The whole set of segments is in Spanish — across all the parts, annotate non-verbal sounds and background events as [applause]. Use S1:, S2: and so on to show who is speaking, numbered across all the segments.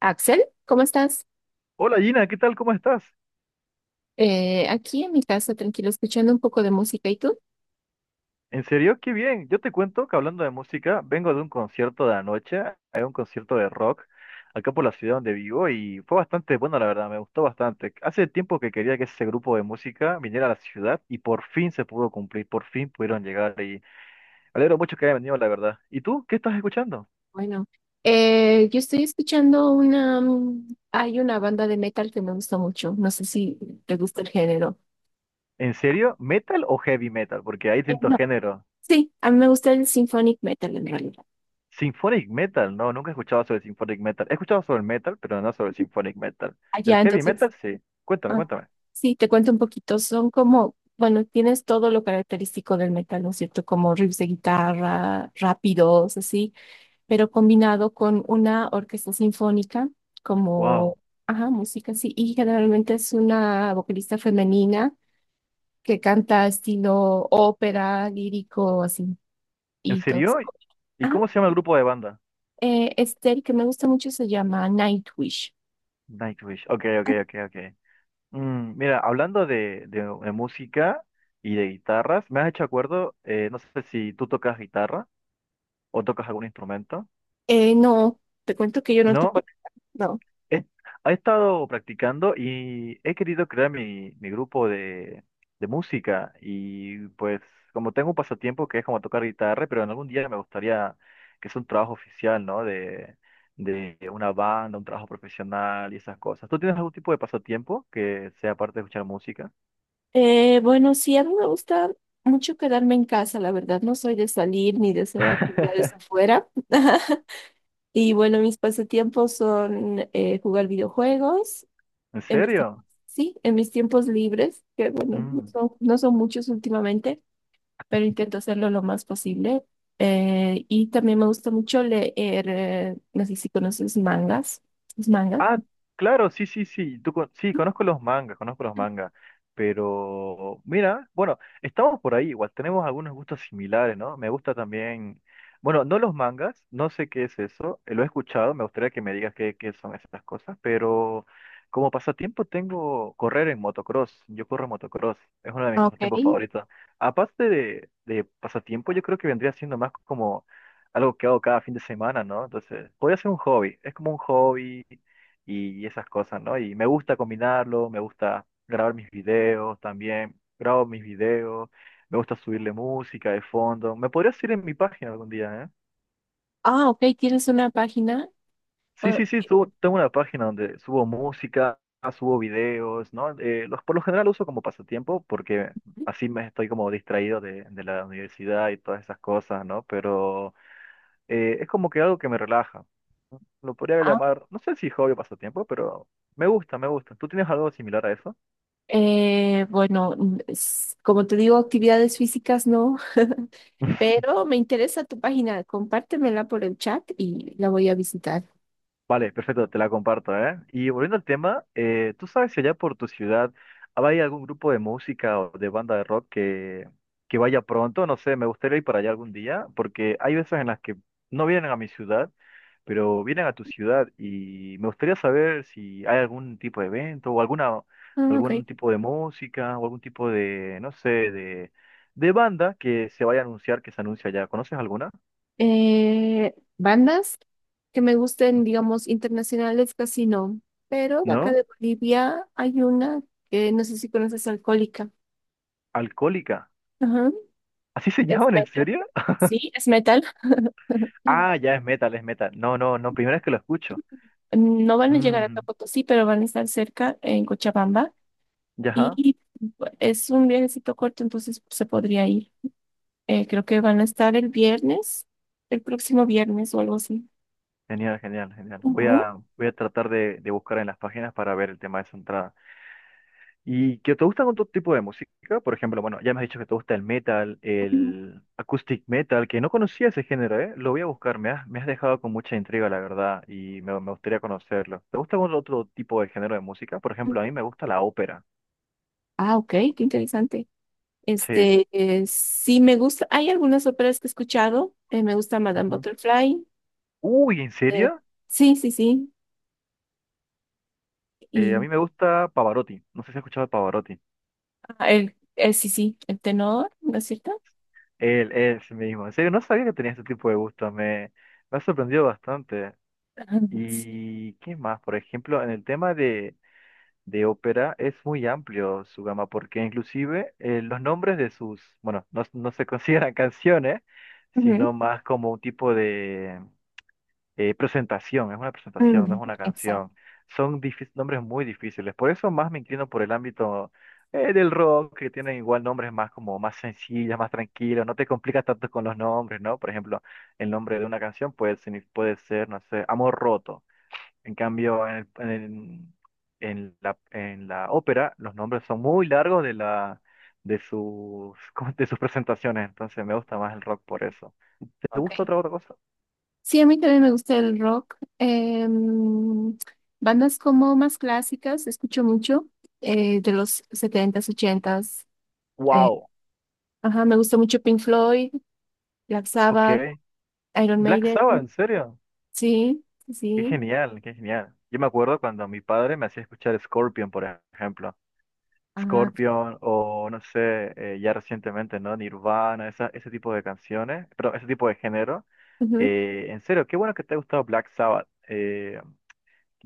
S1: Axel, ¿cómo estás?
S2: Hola Gina, ¿qué tal? ¿Cómo estás?
S1: Aquí en mi casa, tranquilo, escuchando un poco de música. ¿Y tú?
S2: En serio, qué bien. Yo te cuento que hablando de música, vengo de un concierto de anoche, hay un concierto de rock acá por la ciudad donde vivo y fue bastante bueno, la verdad, me gustó bastante. Hace tiempo que quería que ese grupo de música viniera a la ciudad y por fin se pudo cumplir, por fin pudieron llegar y me alegro mucho que hayan venido, la verdad. ¿Y tú qué estás escuchando?
S1: Bueno, yo estoy escuchando una hay una banda de metal que me gusta mucho. No sé si te gusta el género.
S2: ¿En serio? ¿Metal o heavy metal? Porque hay distintos
S1: No.
S2: géneros.
S1: Sí, a mí me gusta el symphonic metal en realidad.
S2: Symphonic Metal, no, nunca he escuchado sobre Symphonic Metal. He escuchado sobre el metal, pero no sobre el Symphonic Metal. Del
S1: Allá,
S2: heavy
S1: entonces,
S2: metal, sí. Cuéntame,
S1: ah,
S2: cuéntame.
S1: sí, te cuento un poquito. Son como, bueno, tienes todo lo característico del metal, ¿no es cierto? Como riffs de guitarra, rápidos, así, pero combinado con una orquesta sinfónica como,
S2: Wow.
S1: ajá, música, sí, y generalmente es una vocalista femenina que canta estilo ópera, lírico, así,
S2: ¿En
S1: y todo
S2: serio?
S1: eso.
S2: ¿Y
S1: Ajá,
S2: cómo se llama el grupo de banda?
S1: el que me gusta mucho se llama Nightwish.
S2: Nightwish. Ok, ok, ok, ok. Mira, hablando de música y de guitarras, me has hecho acuerdo, no sé si tú tocas guitarra o tocas algún instrumento.
S1: No, te cuento que yo no te
S2: ¿No?
S1: puedo, no.
S2: He, he estado practicando y he querido crear mi grupo de música y pues como tengo un pasatiempo que es como tocar guitarra, pero en algún día me gustaría que sea un trabajo oficial, ¿no? De una banda, un trabajo profesional y esas cosas. ¿Tú tienes algún tipo de pasatiempo que sea aparte de escuchar música?
S1: Bueno, sí, a mí me gusta mucho quedarme en casa, la verdad. No soy de salir ni de hacer actividades
S2: [laughs]
S1: afuera. [laughs] Y bueno, mis pasatiempos son jugar videojuegos
S2: ¿En
S1: en mis tiempos,
S2: serio?
S1: sí, en mis tiempos libres, que bueno,
S2: Mm.
S1: no son muchos últimamente, pero intento hacerlo lo más posible. Y también me gusta mucho leer, no sé si conoces mangas, los mangas.
S2: Ah, claro, sí, sí, sí. Sí, conozco los mangas, conozco los mangas. Pero, mira, bueno, estamos por ahí, igual tenemos algunos gustos similares, ¿no? Me gusta también, bueno, no los mangas, no sé qué es eso, lo he escuchado, me gustaría que me digas qué son esas cosas, pero como pasatiempo tengo correr en motocross, yo corro en motocross, es uno de mis
S1: Ah, ok.
S2: pasatiempos favoritos. Aparte de pasatiempo, yo creo que vendría siendo más como algo que hago cada fin de semana, ¿no? Entonces, podría ser un hobby, es como un hobby y esas cosas, ¿no? Y me gusta combinarlo, me gusta grabar mis videos también, grabo mis videos, me gusta subirle música de fondo. Me podrías ir en mi página algún día, ¿eh?
S1: Ah, ok, tienes una página.
S2: Sí, sí, sí, tengo una página donde subo música, subo videos, ¿no? Por lo general uso como pasatiempo porque así me estoy como distraído de la universidad y todas esas cosas, ¿no? Pero es como que algo que me relaja. Lo podría
S1: Ah,
S2: llamar, no sé si hobby o pasatiempo, pero me gusta, me gusta. ¿Tú tienes algo similar a eso?
S1: Como te digo, actividades físicas no. [laughs] Pero me interesa tu página. Compártemela por el chat y la voy a visitar.
S2: Vale, perfecto, te la comparto, ¿eh? Y volviendo al tema, ¿tú sabes si allá por tu ciudad hay algún grupo de música o de banda de rock que vaya pronto? No sé, me gustaría ir para allá algún día, porque hay veces en las que no vienen a mi ciudad, pero vienen a tu ciudad y me gustaría saber si hay algún tipo de evento o alguna,
S1: Ah, ok.
S2: algún tipo de música o algún tipo de, no sé, de banda que se vaya a anunciar, que se anuncia allá. ¿Conoces alguna?
S1: Bandas que me gusten, digamos, internacionales casi no, pero de acá
S2: ¿No?
S1: de Bolivia hay una que no sé si conoces, Alcohólica.
S2: Alcohólica.
S1: Ajá.
S2: ¿Así se [laughs]
S1: Es
S2: llaman? ¿En
S1: metal.
S2: serio?
S1: Sí, es metal. Mm,
S2: Ah, ya es metal, es metal. No, no, no, primera vez que lo escucho.
S1: no van a llegar acá a
S2: Mm,
S1: Potosí, pero van a estar cerca en Cochabamba.
S2: ya, ajá.
S1: Y es un viajecito corto, entonces se podría ir. Creo que van a estar el viernes, el próximo viernes o algo así.
S2: Genial, genial, genial. Voy
S1: Ujú,
S2: a, voy a tratar de buscar en las páginas para ver el tema de esa entrada. ¿Y que te gustan otro tipo de música? Por ejemplo, bueno, ya me has dicho que te gusta el metal, el acoustic metal, que no conocía ese género, ¿eh? Lo voy a buscar, me has dejado con mucha intriga, la verdad, y me gustaría conocerlo. ¿Te gusta algún otro tipo de género de música? Por ejemplo,
S1: ujú.
S2: a mí me gusta la ópera.
S1: Ah, ok, qué interesante.
S2: Sí.
S1: Este, sí me gusta. Hay algunas óperas que he escuchado. Me gusta Madame
S2: Ujú.
S1: Butterfly.
S2: Uy, ¿en
S1: eh,
S2: serio?
S1: sí, sí, sí.
S2: A
S1: Y
S2: mí me gusta Pavarotti. No sé si has escuchado de Pavarotti.
S1: ah, sí, sí, el tenor, ¿no es cierto?
S2: Él es mismo. En serio, no sabía que tenía este tipo de gustos. Me ha sorprendido bastante.
S1: Ajá, sí.
S2: ¿Y qué más? Por ejemplo, en el tema de ópera es muy amplio su gama, porque inclusive los nombres de sus, bueno, no, no se [laughs] consideran canciones,
S1: Ujú,
S2: sino más como un tipo presentación, es una presentación, no es
S1: ujú,
S2: una
S1: exacto.
S2: canción. Nombres muy difíciles. Por eso más me inclino por el ámbito del rock, que tienen igual nombres más como más sencillos, más tranquilos. No te complicas tanto con los nombres, ¿no? Por ejemplo, el nombre de una canción puede ser, no sé, Amor Roto. En cambio, en la ópera, los nombres son muy largos de sus [laughs] de sus presentaciones. Entonces me gusta más el rock por eso. ¿Te
S1: Ok.
S2: gusta otra cosa?
S1: Sí, a mí también me gusta el rock. Bandas como más clásicas, escucho mucho, de los 70 ochentas, eh,
S2: Wow.
S1: ajá, me gusta mucho Pink Floyd, Black
S2: Ok.
S1: Sabbath, Iron
S2: Black
S1: Maiden.
S2: Sabbath, ¿en serio?
S1: Sí, sí,
S2: Qué
S1: sí,
S2: genial, qué genial. Yo me acuerdo cuando mi padre me hacía escuchar Scorpion, por ejemplo.
S1: ajá,
S2: Scorpion o no sé, ya recientemente, ¿no? Nirvana, esa, ese tipo de canciones, pero ese tipo de género.
S1: ujú.
S2: En serio, qué bueno que te ha gustado Black Sabbath. Eh,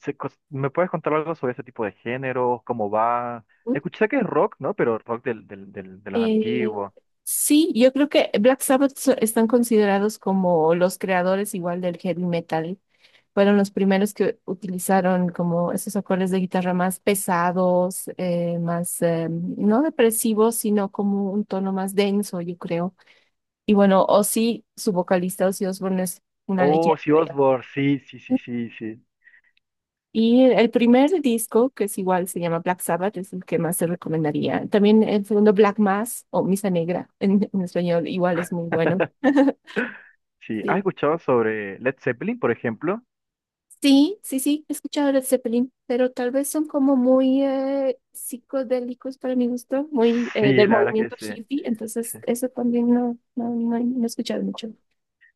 S2: se cos- ¿me puedes contar algo sobre ese tipo de géneros, ¿cómo va?
S1: ¿No?
S2: Escuché que es rock, ¿no? Pero rock de los
S1: Eh,
S2: antiguos.
S1: sí, yo creo que están considerados como los creadores igual del heavy metal. Fueron los primeros que utilizaron como esos acordes de guitarra más pesados, más no depresivos, sino como un tono más denso, yo creo. Y bueno, Ozzy, su vocalista Ozzy Osbourne es una
S2: Oh,
S1: leyenda,
S2: sí, Ozzy
S1: ¿verdad?
S2: Osbourne, sí, sí, sí, sí, sí.
S1: Y el primer disco, que es igual, se llama Black Sabbath, es el que más se recomendaría. También el segundo, Black Mass o Misa Negra en español, igual es muy bueno. [laughs]
S2: Sí, ¿has
S1: Sí.
S2: escuchado sobre Led Zeppelin, por ejemplo?
S1: Sí, sí, sí, he escuchado Led Zeppelin, pero tal vez son como muy psicodélicos para mi gusto, muy
S2: Sí,
S1: del
S2: la verdad que
S1: movimiento
S2: sí.
S1: hippie, entonces
S2: Sí.
S1: eso también no, no, no, he no he escuchado mucho.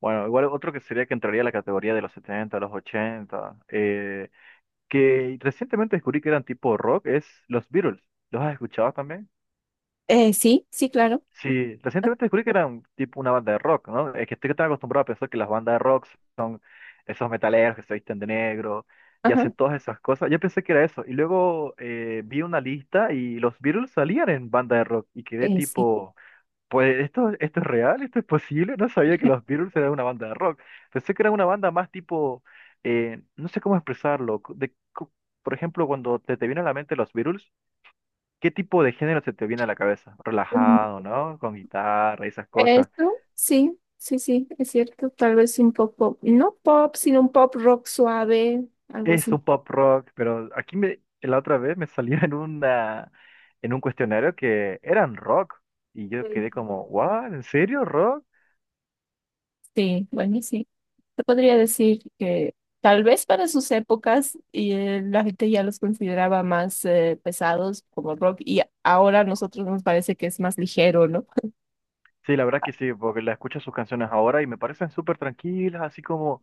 S2: Bueno, igual otro que sería que entraría a la categoría de los 70 los ochenta, que recientemente descubrí que eran tipo rock, es los Beatles. ¿Los has escuchado también?
S1: Sí, sí, claro,
S2: Sí, recientemente descubrí que eran tipo una banda de rock, ¿no? Es que estoy tan acostumbrado a pensar que las bandas de rock, esos metaleros que se visten de negro y hacen
S1: ajá,
S2: todas esas cosas, yo pensé que era eso. Y luego vi una lista y los Beatles salían en banda de rock y quedé
S1: sí.
S2: tipo, pues esto es real, esto es posible. No sabía que los Beatles eran una banda de rock. Pensé que era una banda más tipo, no sé cómo expresarlo. Por ejemplo, cuando te viene a la mente los Beatles, ¿qué tipo de género se te viene a la cabeza?
S1: Mm,
S2: Relajado, ¿no? Con guitarra y esas cosas.
S1: eso, sí, sí, sí, es cierto, tal vez un poco, no pop, sino un pop rock suave, algo
S2: Es
S1: así.
S2: un pop rock, pero aquí la otra vez me salía en una, en un cuestionario que eran rock. Y yo quedé como, ¿what? ¿En serio rock?
S1: Sí, bueno, sí. Se podría decir que tal vez para sus épocas y, la gente ya los consideraba más pesados como rock y ahora a nosotros nos parece que es más ligero, ¿no?
S2: Sí, la verdad que sí, porque la escucho sus canciones ahora y me parecen súper tranquilas, así como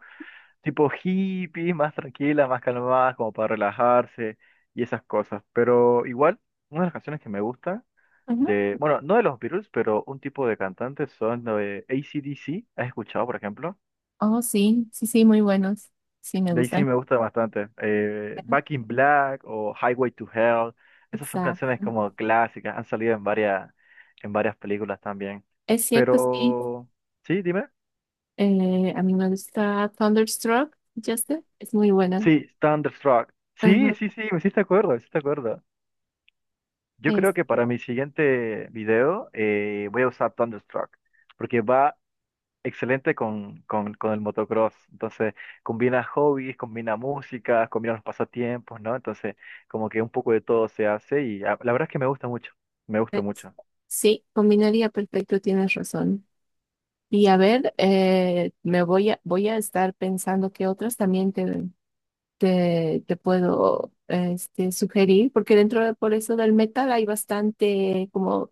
S2: tipo hippie, más tranquilas, más calmadas, como para relajarse y esas cosas. Pero igual, una de las canciones que me gusta
S1: Ajá.
S2: de, bueno, no de los Beatles, pero un tipo de cantantes son de AC/DC, ¿has escuchado, por ejemplo?
S1: Oh, sí, sí, sí, muy buenos. Sí, me
S2: De AC
S1: gustan.
S2: me gusta bastante. Back in Black o Highway to Hell, esas son canciones
S1: Exacto.
S2: como clásicas, han salido en varias películas también.
S1: Es cierto, sí.
S2: Pero, sí, dime.
S1: A mí me gusta Thunderstruck, Justin. Es muy buena.
S2: Sí, Thunderstruck. Sí,
S1: Ajá.
S2: sí, sí, me hiciste acuerdo, me hiciste acuerdo. Yo
S1: Es,
S2: creo que para mi siguiente video, voy a usar Thunderstruck, porque va excelente con el motocross. Entonces, combina hobbies, combina música, combina los pasatiempos, ¿no? Entonces, como que un poco de todo se hace y ah, la verdad es que me gusta mucho, me gusta
S1: es-
S2: mucho.
S1: sí, combinaría perfecto, tienes razón. Y a ver, me voy a, voy a estar pensando que otras también te puedo este, sugerir, porque dentro de por eso del metal hay bastante como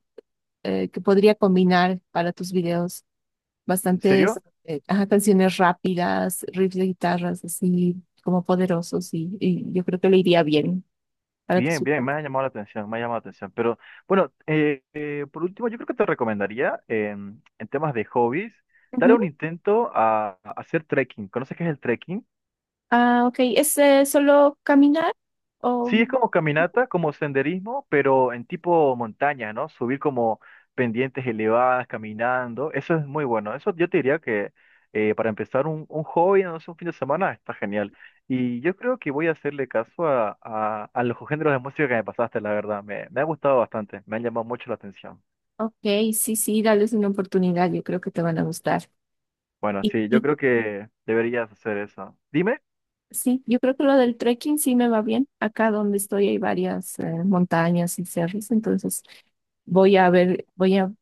S1: que podría combinar para tus videos,
S2: ¿En serio?
S1: bastantes ajá, canciones rápidas, riffs de guitarras así como poderosos y yo creo que le iría bien para tus
S2: Bien, bien,
S1: videos.
S2: me ha llamado la atención, me ha llamado la atención. Pero bueno, por último, yo creo que te recomendaría, en temas de hobbies, darle un
S1: Ujú.
S2: intento a hacer trekking. ¿Conoces qué es el trekking?
S1: Ah, ok, ¿es solo caminar? O
S2: Sí, es como caminata, como senderismo, pero en tipo montaña, ¿no? Subir como pendientes elevadas, caminando. Eso es muy bueno. Eso yo te diría que, para empezar un hobby, no sé, un fin de semana, está genial. Y yo creo que voy a hacerle caso a los géneros de música que me pasaste, la verdad. Me ha gustado bastante, me, han llamado mucho la atención.
S1: ok, sí, sí, dales una oportunidad, yo creo que te van a gustar.
S2: Bueno, sí, yo
S1: Y
S2: creo que deberías hacer eso. Dime.
S1: sí, yo creo que lo del trekking sí me va bien. Acá donde estoy hay varias montañas y cerros, entonces voy a ver, voy a,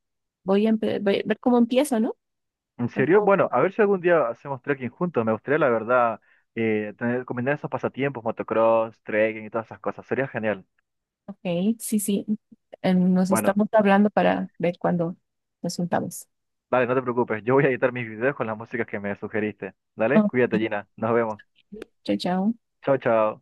S1: voy a, empe- voy a ver cómo empiezo, ¿no?
S2: ¿En
S1: Ver
S2: serio?
S1: cómo,
S2: Bueno, a ver si algún día hacemos trekking juntos. Me gustaría, la verdad, tener, combinar esos pasatiempos, motocross, trekking y todas esas cosas. Sería genial.
S1: ok, sí, sí. Nos
S2: Bueno,
S1: estamos hablando para ver cuándo nos juntamos.
S2: dale, no te preocupes. Yo voy a editar mis videos con las músicas que me sugeriste. Dale,
S1: Ok,
S2: cuídate, Gina. Nos vemos.
S1: chao, chao.
S2: Chao, chao.